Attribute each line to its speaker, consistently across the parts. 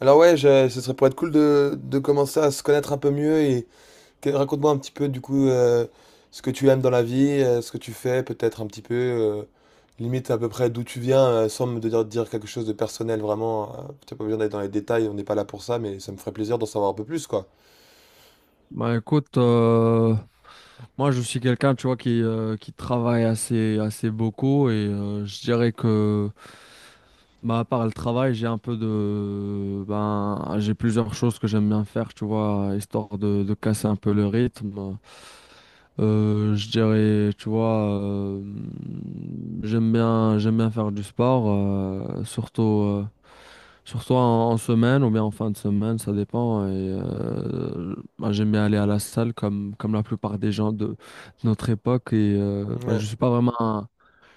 Speaker 1: Alors ouais, ce serait pour être cool de commencer à se connaître un peu mieux et raconte-moi un petit peu du coup ce que tu aimes dans la vie, ce que tu fais, peut-être un petit peu, limite à peu près d'où tu viens, sans dire quelque chose de personnel vraiment. T'as pas besoin d'aller dans les détails, on n'est pas là pour ça, mais ça me ferait plaisir d'en savoir un peu plus quoi.
Speaker 2: Bah écoute, moi je suis quelqu'un, tu vois, qui travaille assez beaucoup et je dirais que, bah, à part le travail, j'ai un peu de, ben, j'ai plusieurs choses que j'aime bien faire, tu vois, histoire de casser un peu le rythme. Je dirais, tu vois, j'aime bien faire du sport, surtout. Surtout en semaine ou bien en fin de semaine, ça dépend. Et, bah, j'aime bien aller à la salle comme la plupart des gens de notre époque. Et bah,
Speaker 1: Ouais.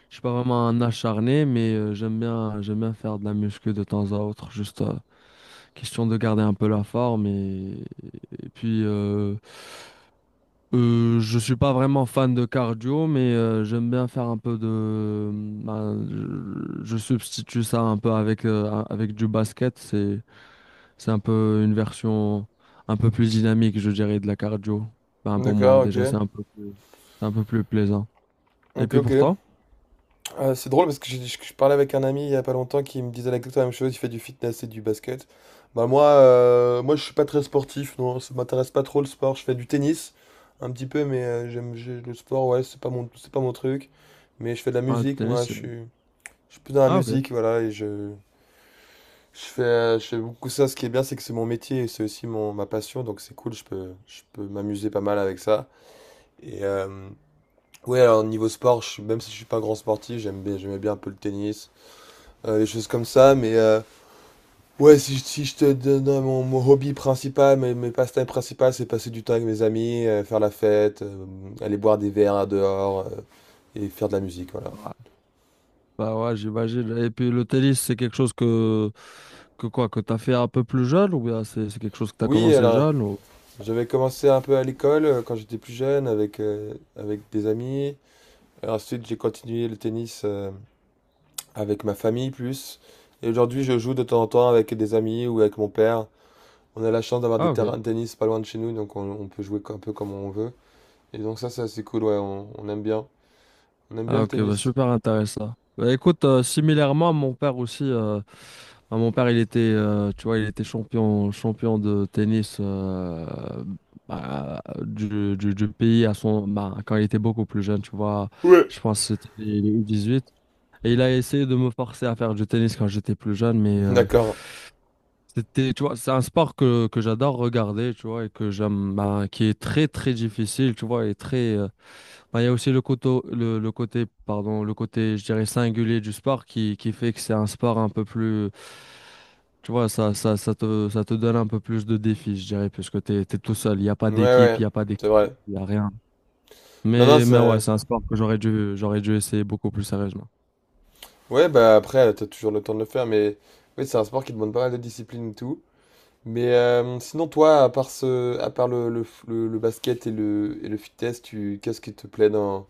Speaker 2: je suis pas vraiment un acharné, mais j'aime bien faire de la muscu de temps à autre, juste question de garder un peu la forme. Et puis, je suis pas vraiment fan de cardio, mais j'aime bien faire un peu de. Bah, je substitue ça un peu avec, avec du basket. C'est un peu une version un peu plus dynamique, je dirais, de la cardio. Ben, pour moi,
Speaker 1: D'accord,
Speaker 2: déjà,
Speaker 1: ok.
Speaker 2: c'est un peu plus plaisant. Et
Speaker 1: Ok,
Speaker 2: puis
Speaker 1: ok.
Speaker 2: pour toi?
Speaker 1: C'est drôle parce que je parlais avec un ami il y a pas longtemps qui me disait exactement la même chose, il fait du fitness et du basket. Bah moi, moi je suis pas très sportif, non, ça m'intéresse pas trop le sport, je fais du tennis un petit peu, mais le sport, ouais, c'est pas mon truc. Mais je fais de la
Speaker 2: Ah, le
Speaker 1: musique,
Speaker 2: tennis, c'est-
Speaker 1: je suis plus dans la
Speaker 2: Ah, ok.
Speaker 1: musique, voilà, je fais beaucoup ça. Ce qui est bien, c'est que c'est mon métier et c'est aussi mon, ma passion, donc c'est cool, je peux m'amuser pas mal avec ça. Et ouais, alors niveau sport, même si je suis pas un grand sportif, j'aimais bien un peu le tennis des choses comme ça. Mais ouais, si, si je te donne mon, mon hobby principal, mes passe-temps principaux, c'est passer du temps avec mes amis, faire la fête, aller boire des verres dehors et faire de la musique, voilà.
Speaker 2: Bah ouais, j'imagine. Et puis le tennis, c'est quelque chose que quoi, que t'as fait un peu plus jeune ou bien c'est quelque chose que t'as
Speaker 1: Oui,
Speaker 2: commencé
Speaker 1: alors
Speaker 2: jeune ou...
Speaker 1: j'avais commencé un peu à l'école quand j'étais plus jeune avec, avec des amis. Et ensuite, j'ai continué le tennis avec ma famille plus. Et aujourd'hui, je joue de temps en temps avec des amis ou avec mon père. On a la chance d'avoir des
Speaker 2: Ah ok.
Speaker 1: terrains de tennis pas loin de chez nous, donc on peut jouer un peu comme on veut. Et donc ça, c'est assez cool, ouais, on aime bien. On aime bien
Speaker 2: Ah
Speaker 1: le
Speaker 2: ok, bah
Speaker 1: tennis.
Speaker 2: super intéressant. Bah écoute, similairement, mon père aussi, bah, mon père il était, tu vois, il était champion de tennis bah, du pays à son, bah, quand il était beaucoup plus jeune, tu vois,
Speaker 1: Ouais.
Speaker 2: je pense que c'était les U18. Et il a essayé de me forcer à faire du tennis quand j'étais plus jeune, mais...
Speaker 1: D'accord.
Speaker 2: C'était, tu vois, c'est un sport que j'adore regarder, tu vois, et que j'aime, bah, qui est très difficile, tu vois, et très, bah, il y a aussi le côté, le côté, pardon, le côté, je dirais, singulier du sport qui fait que c'est un sport un peu plus, tu vois, ça te donne un peu plus de défis, je dirais, puisque t'es tout seul, il n'y a pas
Speaker 1: Ouais,
Speaker 2: d'équipe,
Speaker 1: ouais, c'est vrai.
Speaker 2: il n'y a rien.
Speaker 1: Non, non,
Speaker 2: Mais ouais,
Speaker 1: ça...
Speaker 2: c'est un sport que j'aurais dû essayer beaucoup plus sérieusement.
Speaker 1: Ouais, bah après, t'as toujours le temps de le faire, mais... Oui, c'est un sport qui demande pas mal de discipline et tout. Mais sinon, toi, à part à part le basket et et le fitness, tu... qu'est-ce qui te plaît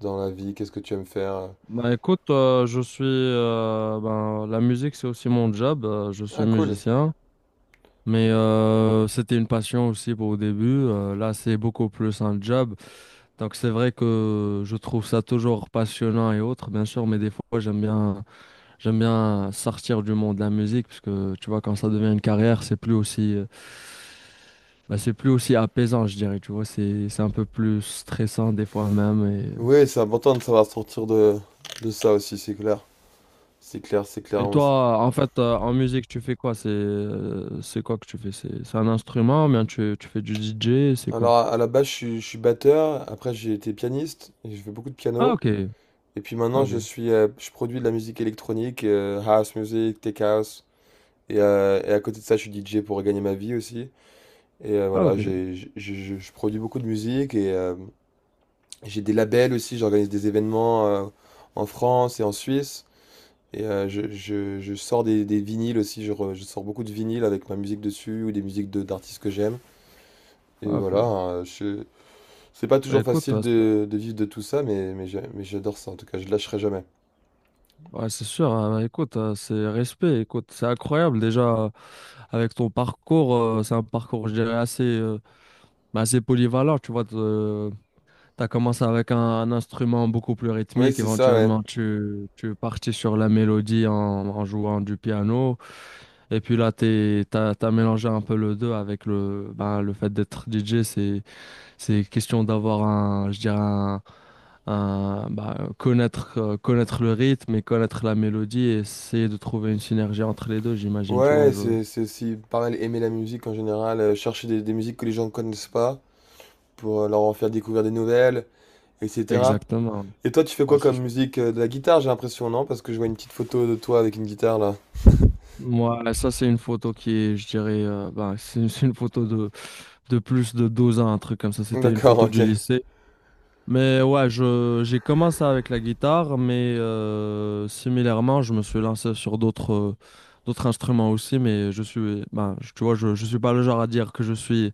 Speaker 1: dans la vie? Qu'est-ce que tu aimes faire?
Speaker 2: Bah écoute, je suis, ben, la musique, c'est aussi mon job, je suis
Speaker 1: Ah, cool.
Speaker 2: musicien. Mais c'était une passion aussi pour au début. Là, c'est beaucoup plus un job. Donc, c'est vrai que je trouve ça toujours passionnant et autres, bien sûr. Mais des fois, j'aime bien sortir du monde de la musique parce que tu vois, quand ça devient une carrière, c'est plus aussi, bah, c'est plus aussi apaisant, je dirais. Tu vois, c'est un peu plus stressant des fois même.
Speaker 1: Ouais, c'est important de savoir sortir de ça aussi, c'est clair. C'est clair, c'est clair.
Speaker 2: Et toi, en fait, en musique, tu fais quoi? C'est quoi que tu fais? C'est un instrument, ou bien tu fais du DJ, c'est quoi?
Speaker 1: Alors, à la base, je suis batteur. Après, j'ai été pianiste. J'ai fait beaucoup de
Speaker 2: Ah,
Speaker 1: piano.
Speaker 2: ok,
Speaker 1: Et puis maintenant, je
Speaker 2: ok.
Speaker 1: suis, je produis de la musique électronique, house music, tech house. Et à côté de ça, je suis DJ pour gagner ma vie aussi. Et
Speaker 2: Ah
Speaker 1: voilà,
Speaker 2: ok,
Speaker 1: je produis beaucoup de musique et j'ai des labels aussi. J'organise des événements en France et en Suisse. Et je sors des vinyles aussi. Je sors beaucoup de vinyles avec ma musique dessus ou des musiques d'artistes que j'aime. Et
Speaker 2: ah
Speaker 1: voilà,
Speaker 2: ok.
Speaker 1: hein, c'est pas
Speaker 2: Bah
Speaker 1: toujours
Speaker 2: écoute,
Speaker 1: facile
Speaker 2: c'est
Speaker 1: de vivre de tout ça, mais, mais j'adore ça, en tout cas, je lâcherai jamais.
Speaker 2: ouais, c'est sûr, hein. Bah, écoute, c'est respect, écoute, c'est incroyable déjà avec ton parcours, c'est un parcours je dirais assez, bah, assez polyvalent, tu vois, t'as commencé avec un instrument beaucoup plus
Speaker 1: Oui,
Speaker 2: rythmique,
Speaker 1: c'est ça, ouais.
Speaker 2: éventuellement tu es parti sur la mélodie en jouant du piano, et puis là t'as mélangé un peu le deux avec le, bah, le fait d'être DJ. C'est question d'avoir un, bah, connaître le rythme et connaître la mélodie et essayer de trouver une synergie entre les deux, j'imagine, tu vois,
Speaker 1: Ouais,
Speaker 2: je...
Speaker 1: c'est aussi pareil, aimer la musique en général, chercher des musiques que les gens ne connaissent pas, pour leur en faire découvrir des nouvelles, etc.
Speaker 2: Exactement.
Speaker 1: Et toi, tu fais quoi
Speaker 2: Ouais, c'est
Speaker 1: comme
Speaker 2: ça.
Speaker 1: musique? De la guitare, j'ai l'impression, non? Parce que je vois une petite photo de toi avec une guitare, là.
Speaker 2: Moi, ça, c'est une photo qui est, je dirais, bah, c'est une photo de plus de 12 ans, un truc comme ça. C'était une
Speaker 1: D'accord,
Speaker 2: photo
Speaker 1: ok.
Speaker 2: du lycée. Mais ouais, j'ai commencé avec la guitare, mais similairement, je me suis lancé sur d'autres d'autres instruments aussi, mais je suis, tu vois, je suis pas le genre à dire que je suis,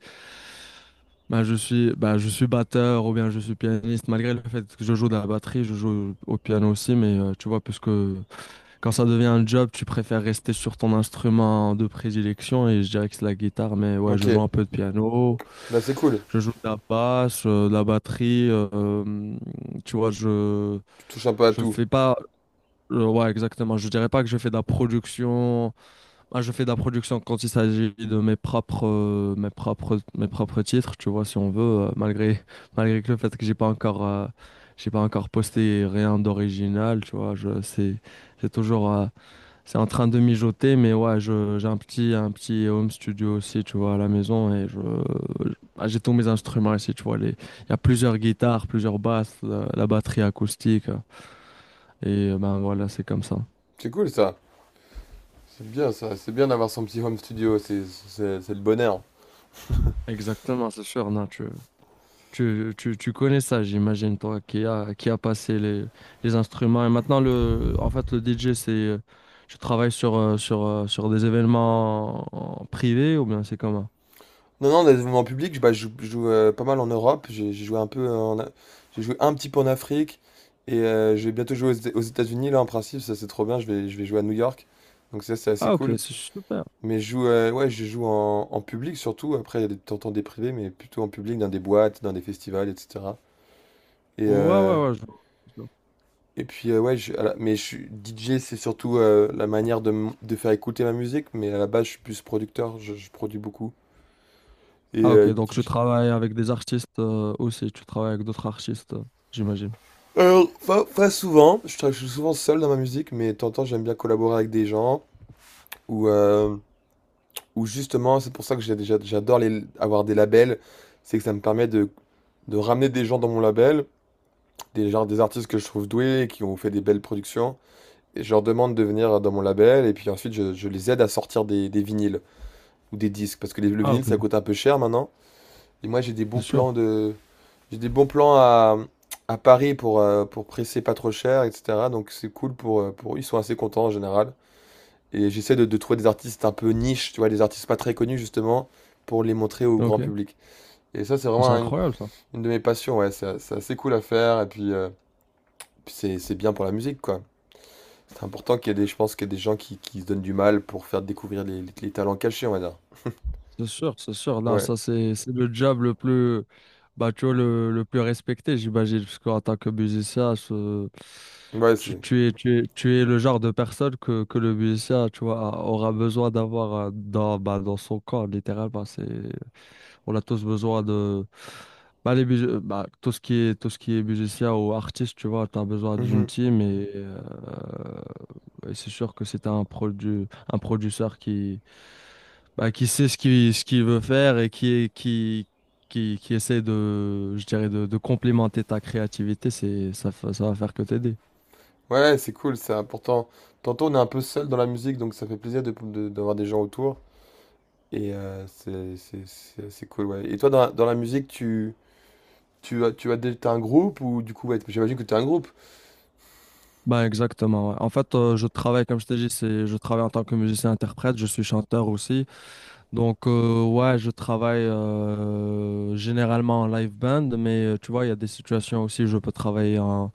Speaker 2: je suis batteur ou bien je suis pianiste, malgré le fait que je joue de la batterie, je joue au piano aussi, mais tu vois, puisque quand ça devient un job, tu préfères rester sur ton instrument de prédilection et je dirais que c'est la guitare, mais ouais, je joue
Speaker 1: Ok.
Speaker 2: un peu de piano,
Speaker 1: Bah, c'est cool.
Speaker 2: je joue de la basse, de la batterie, tu vois,
Speaker 1: Tu touches un peu à
Speaker 2: je
Speaker 1: tout.
Speaker 2: fais pas ouais, exactement, je dirais pas que je fais de la production. Je fais de la production quand il s'agit de mes propres mes propres titres, tu vois, si on veut malgré malgré que le fait que j'ai pas encore posté rien d'original, tu vois, je c'est toujours c'est en train de mijoter, mais ouais, un petit home studio aussi, tu vois, à la maison. Et j'ai tous mes instruments ici, tu vois. Il y a plusieurs guitares, plusieurs basses, la batterie acoustique. Et ben voilà, c'est comme ça.
Speaker 1: C'est cool, ça. C'est bien, ça. C'est bien d'avoir son petit home studio, c'est le bonheur.
Speaker 2: Exactement, c'est sûr. Non, tu connais ça, j'imagine, toi, qui a passé les instruments. Et maintenant, en fait, le DJ, tu travailles sur des événements en privés ou bien c'est comment?
Speaker 1: Non, non, dans les mouvements publics, bah, je joue, pas mal en Europe. J'ai joué un peu j'ai joué un petit peu en Afrique et je vais bientôt jouer aux États-Unis là en principe. Ça c'est trop bien. Je vais jouer à New York. Donc ça c'est assez
Speaker 2: Ah, ok,
Speaker 1: cool.
Speaker 2: c'est super.
Speaker 1: Mais je joue, ouais, je joue en public surtout. Après, il y a t'entends des privés, mais plutôt en public, dans des boîtes, dans des festivals, etc. Et,
Speaker 2: Ouais,
Speaker 1: euh,
Speaker 2: ouais. Je-
Speaker 1: et puis ouais, mais je suis DJ, c'est surtout la manière de faire écouter ma musique. Mais à la base, je suis plus producteur. Je produis beaucoup. Et
Speaker 2: Ah ok, donc je travaille avec des artistes aussi, tu travailles avec d'autres artistes, j'imagine.
Speaker 1: alors, pas souvent. Je suis souvent seul dans ma musique, mais de temps en temps, j'aime bien collaborer avec des gens. Ou, euh, ou justement, c'est pour ça que j'adore avoir des labels. C'est que ça me permet de ramener des gens dans mon label, des, genre, des artistes que je trouve doués, qui ont fait des belles productions. Et je leur demande de venir dans mon label, et puis ensuite, je les aide à sortir des vinyles ou des disques. Parce que le
Speaker 2: Ah
Speaker 1: vinyle,
Speaker 2: ok,
Speaker 1: ça coûte un peu cher maintenant. Et moi,
Speaker 2: c'est sûr.
Speaker 1: j'ai des bons plans à Paris pour presser pas trop cher, etc. Donc c'est cool pour... Ils sont assez contents en général. Et j'essaie de trouver des artistes un peu niche, tu vois, des artistes pas très connus justement, pour les montrer au grand
Speaker 2: Ok,
Speaker 1: public. Et ça, c'est
Speaker 2: ah,
Speaker 1: vraiment
Speaker 2: c'est incroyable ça.
Speaker 1: une de mes passions, ouais. C'est assez cool à faire, et puis, c'est bien pour la musique, quoi. C'est important qu'il y ait des, je pense qu'il y ait des gens qui se donnent du mal pour faire découvrir les talents cachés, on va dire.
Speaker 2: C'est sûr, c'est sûr. Là,
Speaker 1: Ouais,
Speaker 2: ça c'est le job le plus, bah, tu vois, le plus respecté, j'imagine, parce qu'en tant que musicien,
Speaker 1: ouais, c'est...
Speaker 2: tu es le genre de personne que le musicien, tu vois, aura besoin d'avoir dans, bah, dans son corps, littéralement. C'est on a tous besoin de bah, tout ce qui est musicien ou artiste, tu vois, tu as besoin d'une
Speaker 1: Mhm.
Speaker 2: team et c'est sûr que c'est un produ un producteur qui bah, qui sait ce qu'il veut faire et qui est qui essaie de je dirais de complémenter ta créativité, ça va faire que t'aider.
Speaker 1: Ouais, ouais, c'est cool, c'est important. Tantôt, on est un peu seul dans la musique, donc ça fait plaisir d'avoir des gens autour. Et c'est assez cool, ouais. Et toi, dans la musique, tu as des, t'as un groupe ou du coup, ouais, j'imagine que tu as un groupe.
Speaker 2: Bah exactement. Ouais. En fait, je travaille comme je t'ai dit, c'est je travaille en tant que musicien interprète, je suis chanteur aussi. Donc, ouais, je travaille généralement en live band, mais tu vois, il y a des situations aussi où je peux travailler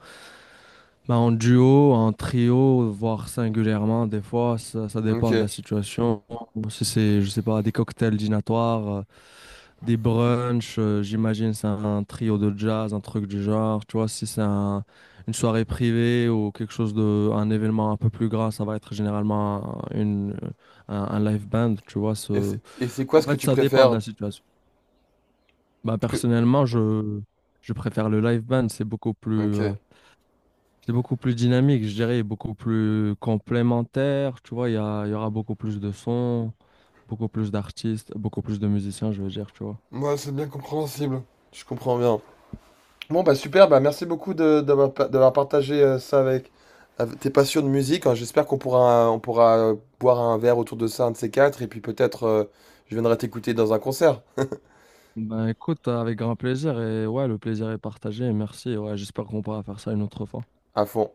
Speaker 2: bah, en duo, en trio, voire singulièrement. Des fois, ça
Speaker 1: Ok.
Speaker 2: dépend de la situation. Si c'est, je sais pas, des cocktails dînatoires, des brunchs, j'imagine c'est un trio de jazz, un truc du genre. Tu vois, si c'est un- une soirée privée ou quelque chose de, un événement un peu plus grand, ça va être généralement un live band, tu vois, ce.
Speaker 1: Et c'est quoi
Speaker 2: En
Speaker 1: ce que
Speaker 2: fait,
Speaker 1: tu
Speaker 2: ça dépend de
Speaker 1: préfères?
Speaker 2: la situation. Bah,
Speaker 1: Parce que...
Speaker 2: personnellement, je préfère le live band.
Speaker 1: Ok.
Speaker 2: C'est beaucoup plus dynamique, je dirais, beaucoup plus complémentaire. Tu vois, il y aura beaucoup plus de sons, beaucoup plus d'artistes, beaucoup plus de musiciens, je veux dire, tu vois.
Speaker 1: Moi, c'est bien compréhensible. Je comprends bien. Bon, bah super, bah merci beaucoup d'avoir, d'avoir partagé ça avec, avec tes passions de musique. Hein. J'espère qu'on pourra, on pourra boire un verre autour de ça, un de ces quatre, et puis peut-être je viendrai t'écouter dans un concert
Speaker 2: Ben écoute, avec grand plaisir. Et ouais, le plaisir est partagé. Merci. Ouais, j'espère qu'on pourra faire ça une autre fois.
Speaker 1: à fond.